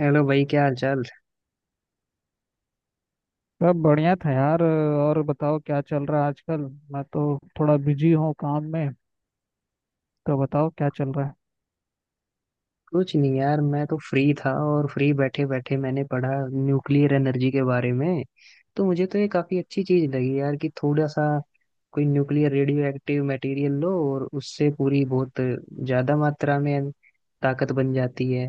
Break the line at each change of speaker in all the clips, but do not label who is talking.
Hello भाई, क्या हाल चाल।
सब बढ़िया था यार। और बताओ क्या चल रहा है आजकल। मैं तो थोड़ा बिजी हूँ काम में। तो बताओ क्या चल रहा है।
कुछ नहीं यार, मैं तो फ्री था और फ्री बैठे बैठे मैंने पढ़ा न्यूक्लियर एनर्जी के बारे में। तो मुझे तो ये काफी अच्छी चीज लगी यार कि थोड़ा सा कोई न्यूक्लियर रेडियो एक्टिव मटेरियल लो और उससे पूरी बहुत ज्यादा मात्रा में ताकत बन जाती है।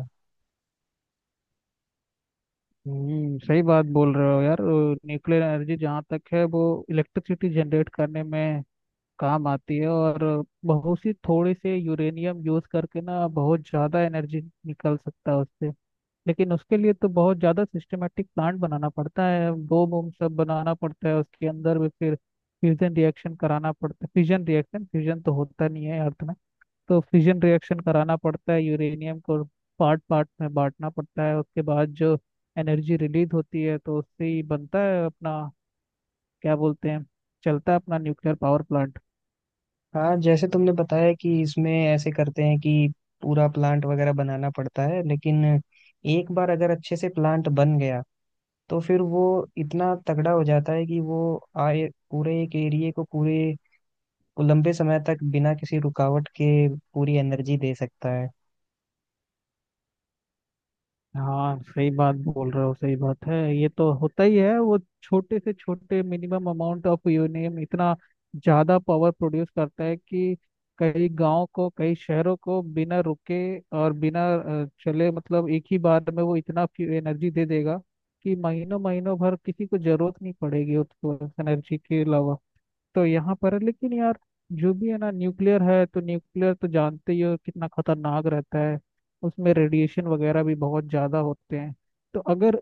हम्म, सही बात बोल रहे हो यार। न्यूक्लियर एनर्जी जहाँ तक है वो इलेक्ट्रिसिटी जनरेट करने में काम आती है। और बहुत सी थोड़ी से यूरेनियम यूज करके ना बहुत ज़्यादा एनर्जी निकल सकता है उससे। लेकिन उसके लिए तो बहुत ज़्यादा सिस्टमेटिक प्लांट बनाना पड़ता है, बोम वोम सब बनाना पड़ता है उसके अंदर भी। फिर फ्यूजन रिएक्शन कराना पड़ता है, फ्यूजन रिएक्शन फ्यूजन तो होता नहीं है अर्थ में। तो फिजन रिएक्शन कराना पड़ता है, यूरेनियम को पार्ट पार्ट में बांटना पड़ता है। उसके बाद जो एनर्जी रिलीज होती है तो उससे ही बनता है अपना क्या बोलते हैं, चलता है अपना न्यूक्लियर पावर प्लांट।
हाँ, जैसे तुमने बताया कि इसमें ऐसे करते हैं कि पूरा प्लांट वगैरह बनाना पड़ता है, लेकिन एक बार अगर अच्छे से प्लांट बन गया तो फिर वो इतना तगड़ा हो जाता है कि वो आए पूरे एक एरिया को पूरे लंबे समय तक बिना किसी रुकावट के पूरी एनर्जी दे सकता है।
हाँ सही बात बोल रहे हो, सही बात है। ये तो होता ही है वो छोटे से छोटे मिनिमम अमाउंट ऑफ यूरेनियम इतना ज्यादा पावर प्रोड्यूस करता है कि कई गांव को कई शहरों को बिना रुके और बिना चले मतलब एक ही बार में वो इतना एनर्जी दे देगा कि महीनों महीनों भर किसी को जरूरत नहीं पड़ेगी उसको एनर्जी के अलावा। तो यहाँ पर है लेकिन यार जो भी है ना न्यूक्लियर है तो न्यूक्लियर तो जानते ही हो कितना खतरनाक रहता है। उसमें रेडिएशन वगैरह भी बहुत ज़्यादा होते हैं। तो अगर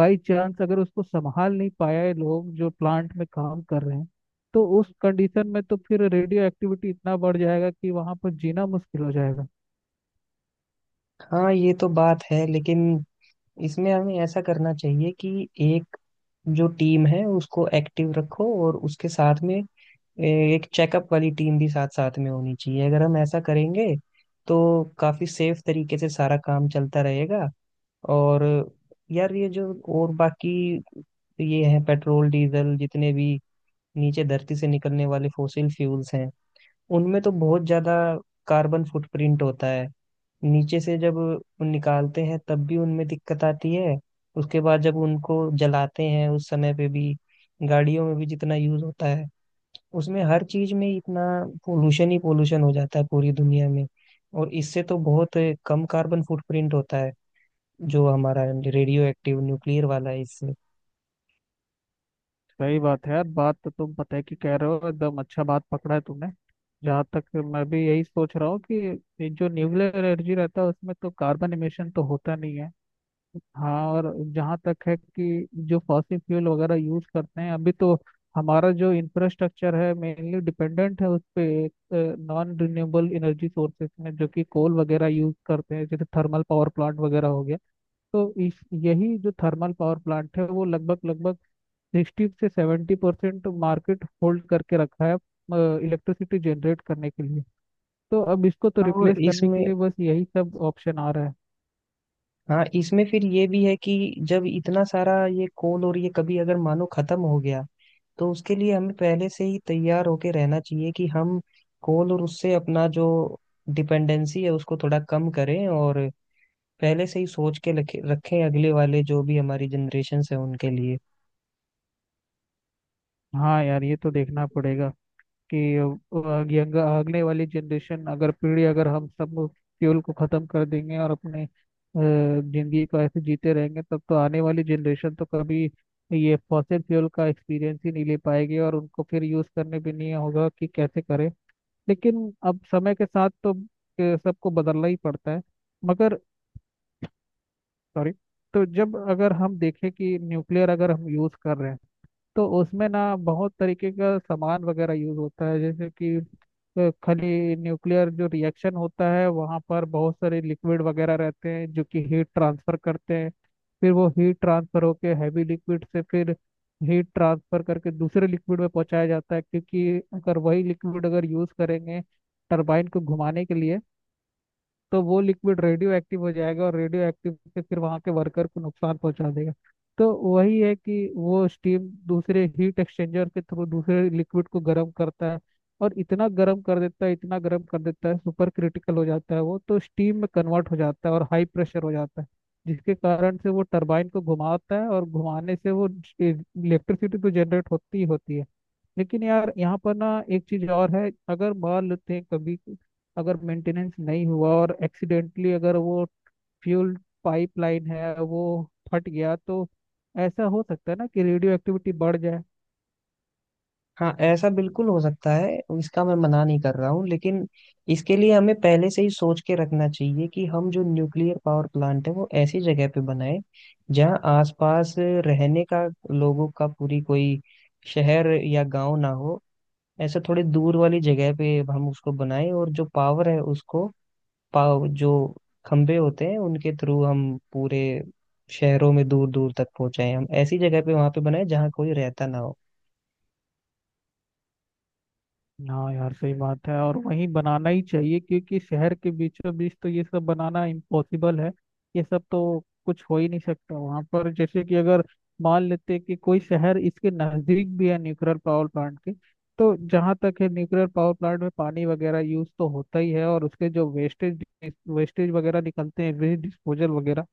बाई चांस अगर उसको संभाल नहीं पाया है लोग जो प्लांट में काम कर रहे हैं, तो उस कंडीशन में तो फिर रेडियो एक्टिविटी इतना बढ़ जाएगा कि वहाँ पर जीना मुश्किल हो जाएगा।
हाँ, ये तो बात है, लेकिन इसमें हमें ऐसा करना चाहिए कि एक जो टीम है उसको एक्टिव रखो और उसके साथ में एक चेकअप वाली टीम भी साथ साथ में होनी चाहिए। अगर हम ऐसा करेंगे तो काफी सेफ तरीके से सारा काम चलता रहेगा। और यार ये जो और बाकी ये है पेट्रोल डीजल जितने भी नीचे धरती से निकलने वाले फॉसिल फ्यूल्स हैं उनमें तो बहुत ज्यादा कार्बन फुटप्रिंट होता है। नीचे से जब निकालते हैं तब भी उनमें दिक्कत आती है, उसके बाद जब उनको जलाते हैं उस समय पे भी, गाड़ियों में भी जितना यूज होता है उसमें हर चीज में इतना पोल्यूशन ही पोल्यूशन हो जाता है पूरी दुनिया में। और इससे तो बहुत कम कार्बन फुटप्रिंट होता है जो हमारा रेडियो एक्टिव न्यूक्लियर वाला है इससे।
सही बात है यार, बात तो तुम पता है कि कह रहे हो, एकदम अच्छा बात पकड़ा है तुमने। जहाँ तक मैं भी यही सोच रहा हूँ कि ये जो न्यूक्लियर एनर्जी रहता है उसमें तो कार्बन एमिशन तो होता नहीं है। हाँ, और जहाँ तक है कि जो फॉसिल फ्यूल वगैरह यूज करते हैं अभी तो, हमारा जो इंफ्रास्ट्रक्चर है मेनली डिपेंडेंट है उस पे नॉन रिन्यूएबल एनर्जी सोर्सेज में, जो कि कोल वगैरह यूज करते हैं जैसे थर्मल पावर प्लांट वगैरह हो गया। तो इस यही जो थर्मल पावर प्लांट है वो लगभग लगभग 60 से 70% मार्केट होल्ड करके रखा है इलेक्ट्रिसिटी जनरेट करने के लिए। तो अब इसको तो
हाँ, और
रिप्लेस करने के
इसमें,
लिए बस यही सब ऑप्शन आ रहा है।
हाँ इसमें फिर ये भी है कि जब इतना सारा ये कोल और ये कभी अगर मानो खत्म हो गया, तो उसके लिए हमें पहले से ही तैयार होके रहना चाहिए कि हम कोल और उससे अपना जो डिपेंडेंसी है उसको थोड़ा कम करें और पहले से ही सोच के रखें अगले वाले जो भी हमारी जनरेशन है उनके लिए।
हाँ यार ये तो देखना पड़ेगा कि यंग आगने वाली जनरेशन अगर, पीढ़ी अगर हम सब फ्यूल को खत्म कर देंगे और अपने जिंदगी को ऐसे जीते रहेंगे तब तो आने वाली जनरेशन तो कभी ये फॉसिल फ्यूल का एक्सपीरियंस ही नहीं ले पाएगी और उनको फिर यूज करने भी नहीं होगा कि कैसे करें। लेकिन अब समय के साथ तो सबको बदलना ही पड़ता है। मगर सॉरी, तो जब अगर हम देखें कि न्यूक्लियर अगर हम यूज़ कर रहे हैं तो उसमें ना बहुत तरीके का सामान वगैरह यूज होता है, जैसे कि खाली न्यूक्लियर जो रिएक्शन होता है वहाँ पर बहुत सारे लिक्विड वगैरह रहते हैं जो कि हीट ट्रांसफर करते हैं। फिर वो हीट ट्रांसफर होके हैवी लिक्विड से फिर हीट ट्रांसफर करके दूसरे लिक्विड में पहुंचाया जाता है। क्योंकि अगर वही लिक्विड अगर यूज करेंगे टरबाइन को घुमाने के लिए, तो वो लिक्विड रेडियो एक्टिव हो जाएगा और रेडियो एक्टिव से फिर वहाँ के वर्कर को नुकसान पहुंचा देगा। तो वही है कि वो स्टीम दूसरे हीट एक्सचेंजर के थ्रू दूसरे लिक्विड को गर्म करता है। और इतना गर्म कर देता है, इतना गर्म कर देता है, सुपर क्रिटिकल हो जाता है वो तो, स्टीम में कन्वर्ट हो जाता है और हाई प्रेशर हो जाता है। जिसके कारण से वो टरबाइन को घुमाता है, और घुमाने से वो इलेक्ट्रिसिटी तो जनरेट होती ही होती है। लेकिन यार यहाँ पर ना एक चीज और है, अगर मान लेते हैं कभी कि अगर मेंटेनेंस नहीं हुआ और एक्सीडेंटली अगर वो फ्यूल पाइपलाइन है वो फट गया तो ऐसा हो सकता है ना कि रेडियो एक्टिविटी बढ़ जाए।
हाँ, ऐसा बिल्कुल हो सकता है, इसका मैं मना नहीं कर रहा हूँ, लेकिन इसके लिए हमें पहले से ही सोच के रखना चाहिए कि हम जो न्यूक्लियर पावर प्लांट है वो ऐसी जगह पे बनाए जहाँ आसपास रहने का लोगों का पूरी कोई शहर या गांव ना हो। ऐसे थोड़ी दूर वाली जगह पे हम उसको बनाए और जो पावर है उसको पाव जो खंभे होते हैं उनके थ्रू हम पूरे शहरों में दूर दूर तक पहुंचाएं। हम ऐसी जगह पे वहां पे बनाए जहाँ कोई रहता ना हो।
हाँ यार सही बात है, और वहीं बनाना ही चाहिए क्योंकि शहर के बीचों बीच तो ये सब बनाना इम्पॉसिबल है। ये सब तो कुछ हो ही नहीं सकता वहाँ पर। जैसे कि अगर मान लेते कि कोई शहर इसके नज़दीक भी है न्यूक्लियर पावर प्लांट के, तो जहाँ तक है न्यूक्लियर पावर प्लांट में पानी वगैरह यूज तो होता ही है और उसके जो वेस्टेज वेस्टेज वगैरह निकलते हैं, वेस्ट डिस्पोजल वगैरह,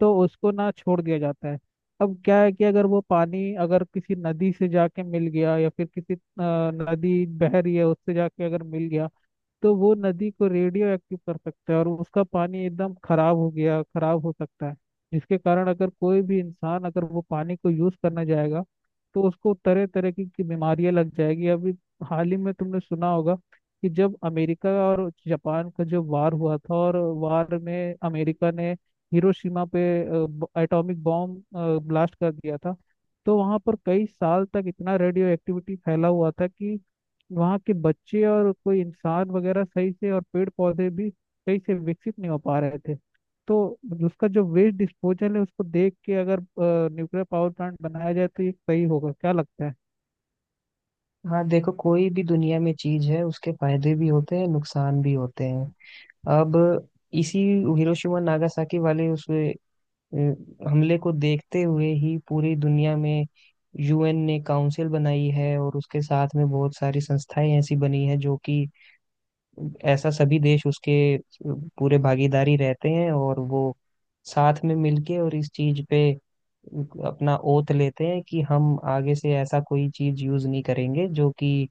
तो उसको ना छोड़ दिया जाता है। अब क्या है कि अगर वो पानी अगर किसी नदी से जाके मिल गया, या फिर किसी नदी बह रही है उससे जाके अगर मिल गया, तो वो नदी को रेडियो एक्टिव कर सकता है और उसका पानी एकदम खराब हो गया, खराब हो सकता है। जिसके कारण अगर कोई भी इंसान अगर वो पानी को यूज करना जाएगा तो उसको तरह तरह की बीमारियां लग जाएगी। अभी हाल ही में तुमने सुना होगा कि जब अमेरिका और जापान का जो वार हुआ था, और वार में अमेरिका ने हिरोशिमा पे एटॉमिक बॉम्ब ब्लास्ट कर दिया था, तो वहां पर कई साल तक इतना रेडियो एक्टिविटी फैला हुआ था कि वहाँ के बच्चे और कोई इंसान वगैरह सही से, और पेड़ पौधे भी सही से विकसित नहीं हो पा रहे थे। तो उसका जो वेस्ट डिस्पोजल है उसको देख के अगर न्यूक्लियर पावर प्लांट बनाया जाए तो ये सही होगा, क्या लगता है?
हाँ देखो, कोई भी दुनिया में चीज है उसके फायदे भी होते हैं, नुकसान भी होते हैं। अब इसी हिरोशिमा नागासाकी वाले उस हमले को देखते हुए ही पूरी दुनिया में यूएन ने काउंसिल बनाई है और उसके साथ में बहुत सारी संस्थाएं ऐसी बनी है जो कि ऐसा सभी देश उसके पूरे भागीदारी रहते हैं और वो साथ में मिलके और इस चीज पे अपना ओथ लेते हैं कि हम आगे से ऐसा कोई चीज यूज नहीं करेंगे जो कि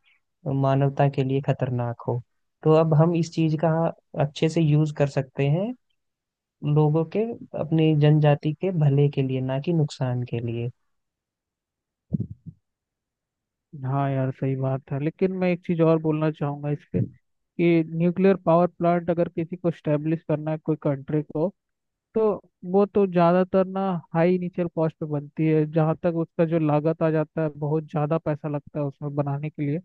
मानवता के लिए खतरनाक हो। तो अब हम इस चीज का अच्छे से यूज कर सकते हैं लोगों के, अपनी जनजाति के भले के लिए, ना कि नुकसान के लिए।
हाँ यार सही बात है, लेकिन मैं एक चीज़ और बोलना चाहूँगा इस पे, कि न्यूक्लियर पावर प्लांट अगर किसी को स्टेब्लिश करना है कोई कंट्री को, तो वो तो ज्यादातर ना हाई इनिशियल कॉस्ट पे बनती है। जहाँ तक उसका जो लागत आ जाता है बहुत ज्यादा पैसा लगता है उसमें बनाने के लिए।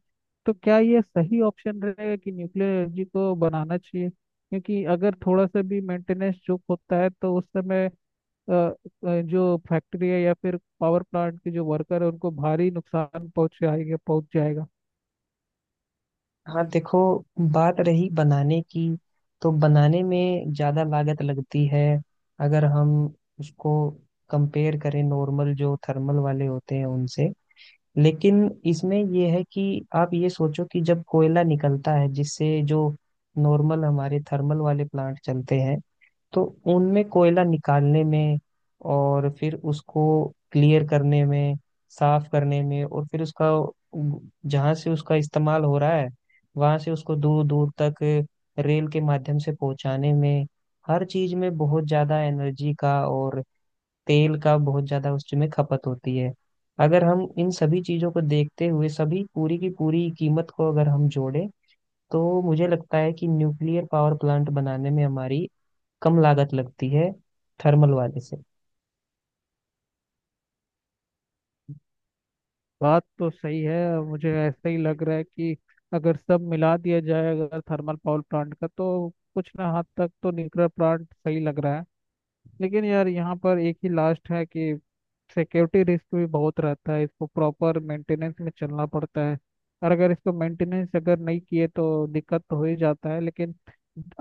तो क्या ये सही ऑप्शन रहेगा कि न्यूक्लियर एनर्जी को बनाना चाहिए? क्योंकि अगर थोड़ा सा भी मेंटेनेंस चूक होता है तो उस समय अ, अ, जो फैक्ट्री है या फिर पावर प्लांट के जो वर्कर है उनको भारी नुकसान पहुंच जाएगा, पहुंच जाएगा।
हाँ देखो, बात रही बनाने की, तो बनाने में ज़्यादा लागत लगती है अगर हम उसको कंपेयर करें नॉर्मल जो थर्मल वाले होते हैं उनसे। लेकिन इसमें ये है कि आप ये सोचो कि जब कोयला निकलता है जिससे जो नॉर्मल हमारे थर्मल वाले प्लांट चलते हैं, तो उनमें कोयला निकालने में और फिर उसको क्लियर करने में, साफ करने में, और फिर उसका जहाँ से उसका इस्तेमाल हो रहा है वहां से उसको दूर दूर तक रेल के माध्यम से पहुंचाने में, हर चीज में बहुत ज्यादा एनर्जी का और तेल का बहुत ज्यादा उसमें खपत होती है। अगर हम इन सभी चीजों को देखते हुए सभी पूरी की पूरी कीमत को अगर हम जोड़ें, तो मुझे लगता है कि न्यूक्लियर पावर प्लांट बनाने में हमारी कम लागत लगती है थर्मल वाले से।
बात तो सही है, मुझे ऐसा ही लग रहा है कि अगर सब मिला दिया जाए अगर थर्मल पावर प्लांट का, तो कुछ ना हद तक तो न्यूक्लियर प्लांट सही लग रहा है। लेकिन यार यहाँ पर एक ही लास्ट है कि सिक्योरिटी रिस्क भी बहुत रहता है, इसको प्रॉपर मेंटेनेंस में चलना पड़ता है। और अगर इसको मेंटेनेंस अगर नहीं किए तो दिक्कत तो हो ही जाता है। लेकिन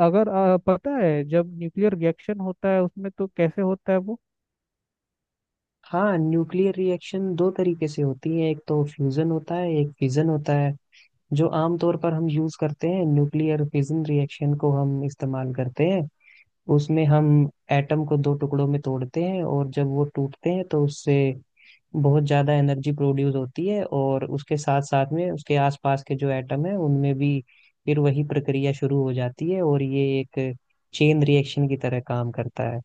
अगर पता है जब न्यूक्लियर रिएक्शन होता है उसमें तो कैसे होता है?
हाँ, न्यूक्लियर रिएक्शन दो तरीके से होती है, एक तो फ्यूजन होता है, एक फिजन होता है। जो आमतौर पर हम यूज करते हैं, न्यूक्लियर फिजन रिएक्शन को हम इस्तेमाल करते हैं। उसमें हम एटम को दो टुकड़ों में तोड़ते हैं और जब वो टूटते हैं तो उससे बहुत ज्यादा एनर्जी प्रोड्यूस होती है, और उसके साथ साथ में उसके आसपास के जो एटम है उनमें भी फिर वही प्रक्रिया शुरू हो जाती है और ये एक चेन रिएक्शन की तरह काम करता है।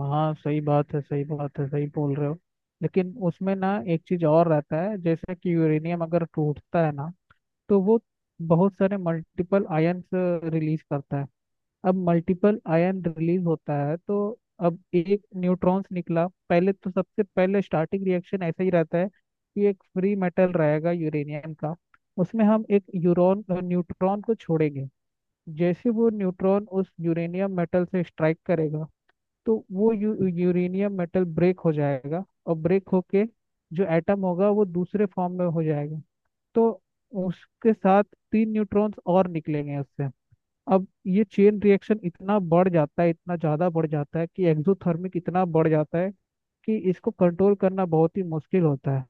हाँ सही बात है, सही बात है, सही बोल रहे हो। लेकिन उसमें ना एक चीज और रहता है, जैसे कि यूरेनियम अगर टूटता है ना तो वो बहुत सारे मल्टीपल आयन रिलीज करता है। अब मल्टीपल आयन रिलीज होता है तो, अब एक न्यूट्रॉन्स निकला, पहले तो सबसे पहले स्टार्टिंग रिएक्शन ऐसा ही रहता है कि एक फ्री मेटल रहेगा यूरेनियम का, उसमें हम एक यूरोन न्यूट्रॉन को छोड़ेंगे। जैसे वो न्यूट्रॉन उस यूरेनियम मेटल से स्ट्राइक करेगा तो वो यूरेनियम मेटल ब्रेक हो जाएगा और ब्रेक होके जो एटम होगा वो दूसरे फॉर्म में हो जाएगा। तो उसके साथ 3 न्यूट्रॉन्स और निकलेंगे उससे। अब ये चेन रिएक्शन इतना बढ़ जाता है, इतना ज़्यादा बढ़ जाता है कि एक्सोथर्मिक इतना बढ़ जाता है कि इसको कंट्रोल करना बहुत ही मुश्किल होता है।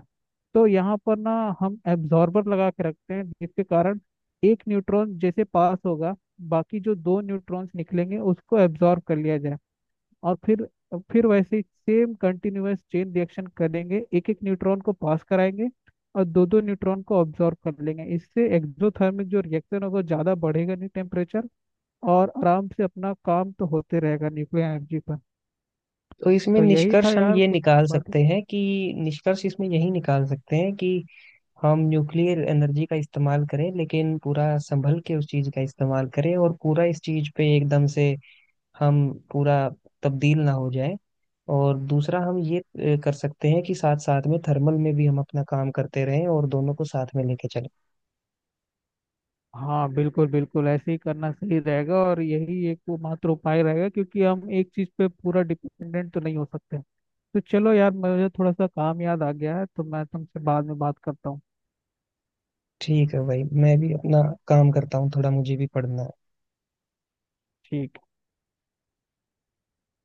तो यहाँ पर ना हम एब्जॉर्बर लगा के रखते हैं, जिसके कारण एक न्यूट्रॉन जैसे पास होगा बाकी जो दो न्यूट्रॉन्स निकलेंगे उसको एब्जॉर्ब कर लिया जाए। और फिर वैसे ही सेम कंटिन्यूअस चेन रिएक्शन करेंगे, एक एक न्यूट्रॉन को पास कराएंगे और दो दो न्यूट्रॉन को ऑब्जॉर्व कर लेंगे। इससे एक्सोथर्मिक जो रिएक्शन होगा ज़्यादा बढ़ेगा नहीं, टेम्परेचर, और आराम से अपना काम तो होते रहेगा न्यूक्लियर एनर्जी पर।
तो इसमें
तो यही था
निष्कर्ष हम
यार
ये
कुछ
निकाल
बातें।
सकते हैं कि, निष्कर्ष इसमें यही निकाल सकते हैं कि हम न्यूक्लियर एनर्जी का इस्तेमाल करें, लेकिन पूरा संभल के उस चीज का इस्तेमाल करें और पूरा इस चीज पे एकदम से हम पूरा तब्दील ना हो जाए। और दूसरा हम ये कर सकते हैं कि साथ साथ में थर्मल में भी हम अपना काम करते रहें और दोनों को साथ में लेके चलें।
हाँ बिल्कुल बिल्कुल ऐसे ही करना सही रहेगा, और यही एक वो मात्र उपाय रहेगा क्योंकि हम एक चीज़ पे पूरा डिपेंडेंट तो नहीं हो सकते। तो चलो यार मुझे थोड़ा सा काम याद आ गया है तो मैं तुमसे बाद में बात करता हूँ।
ठीक है भाई, मैं भी अपना काम करता हूँ, थोड़ा मुझे भी पढ़ना है।
ठीक।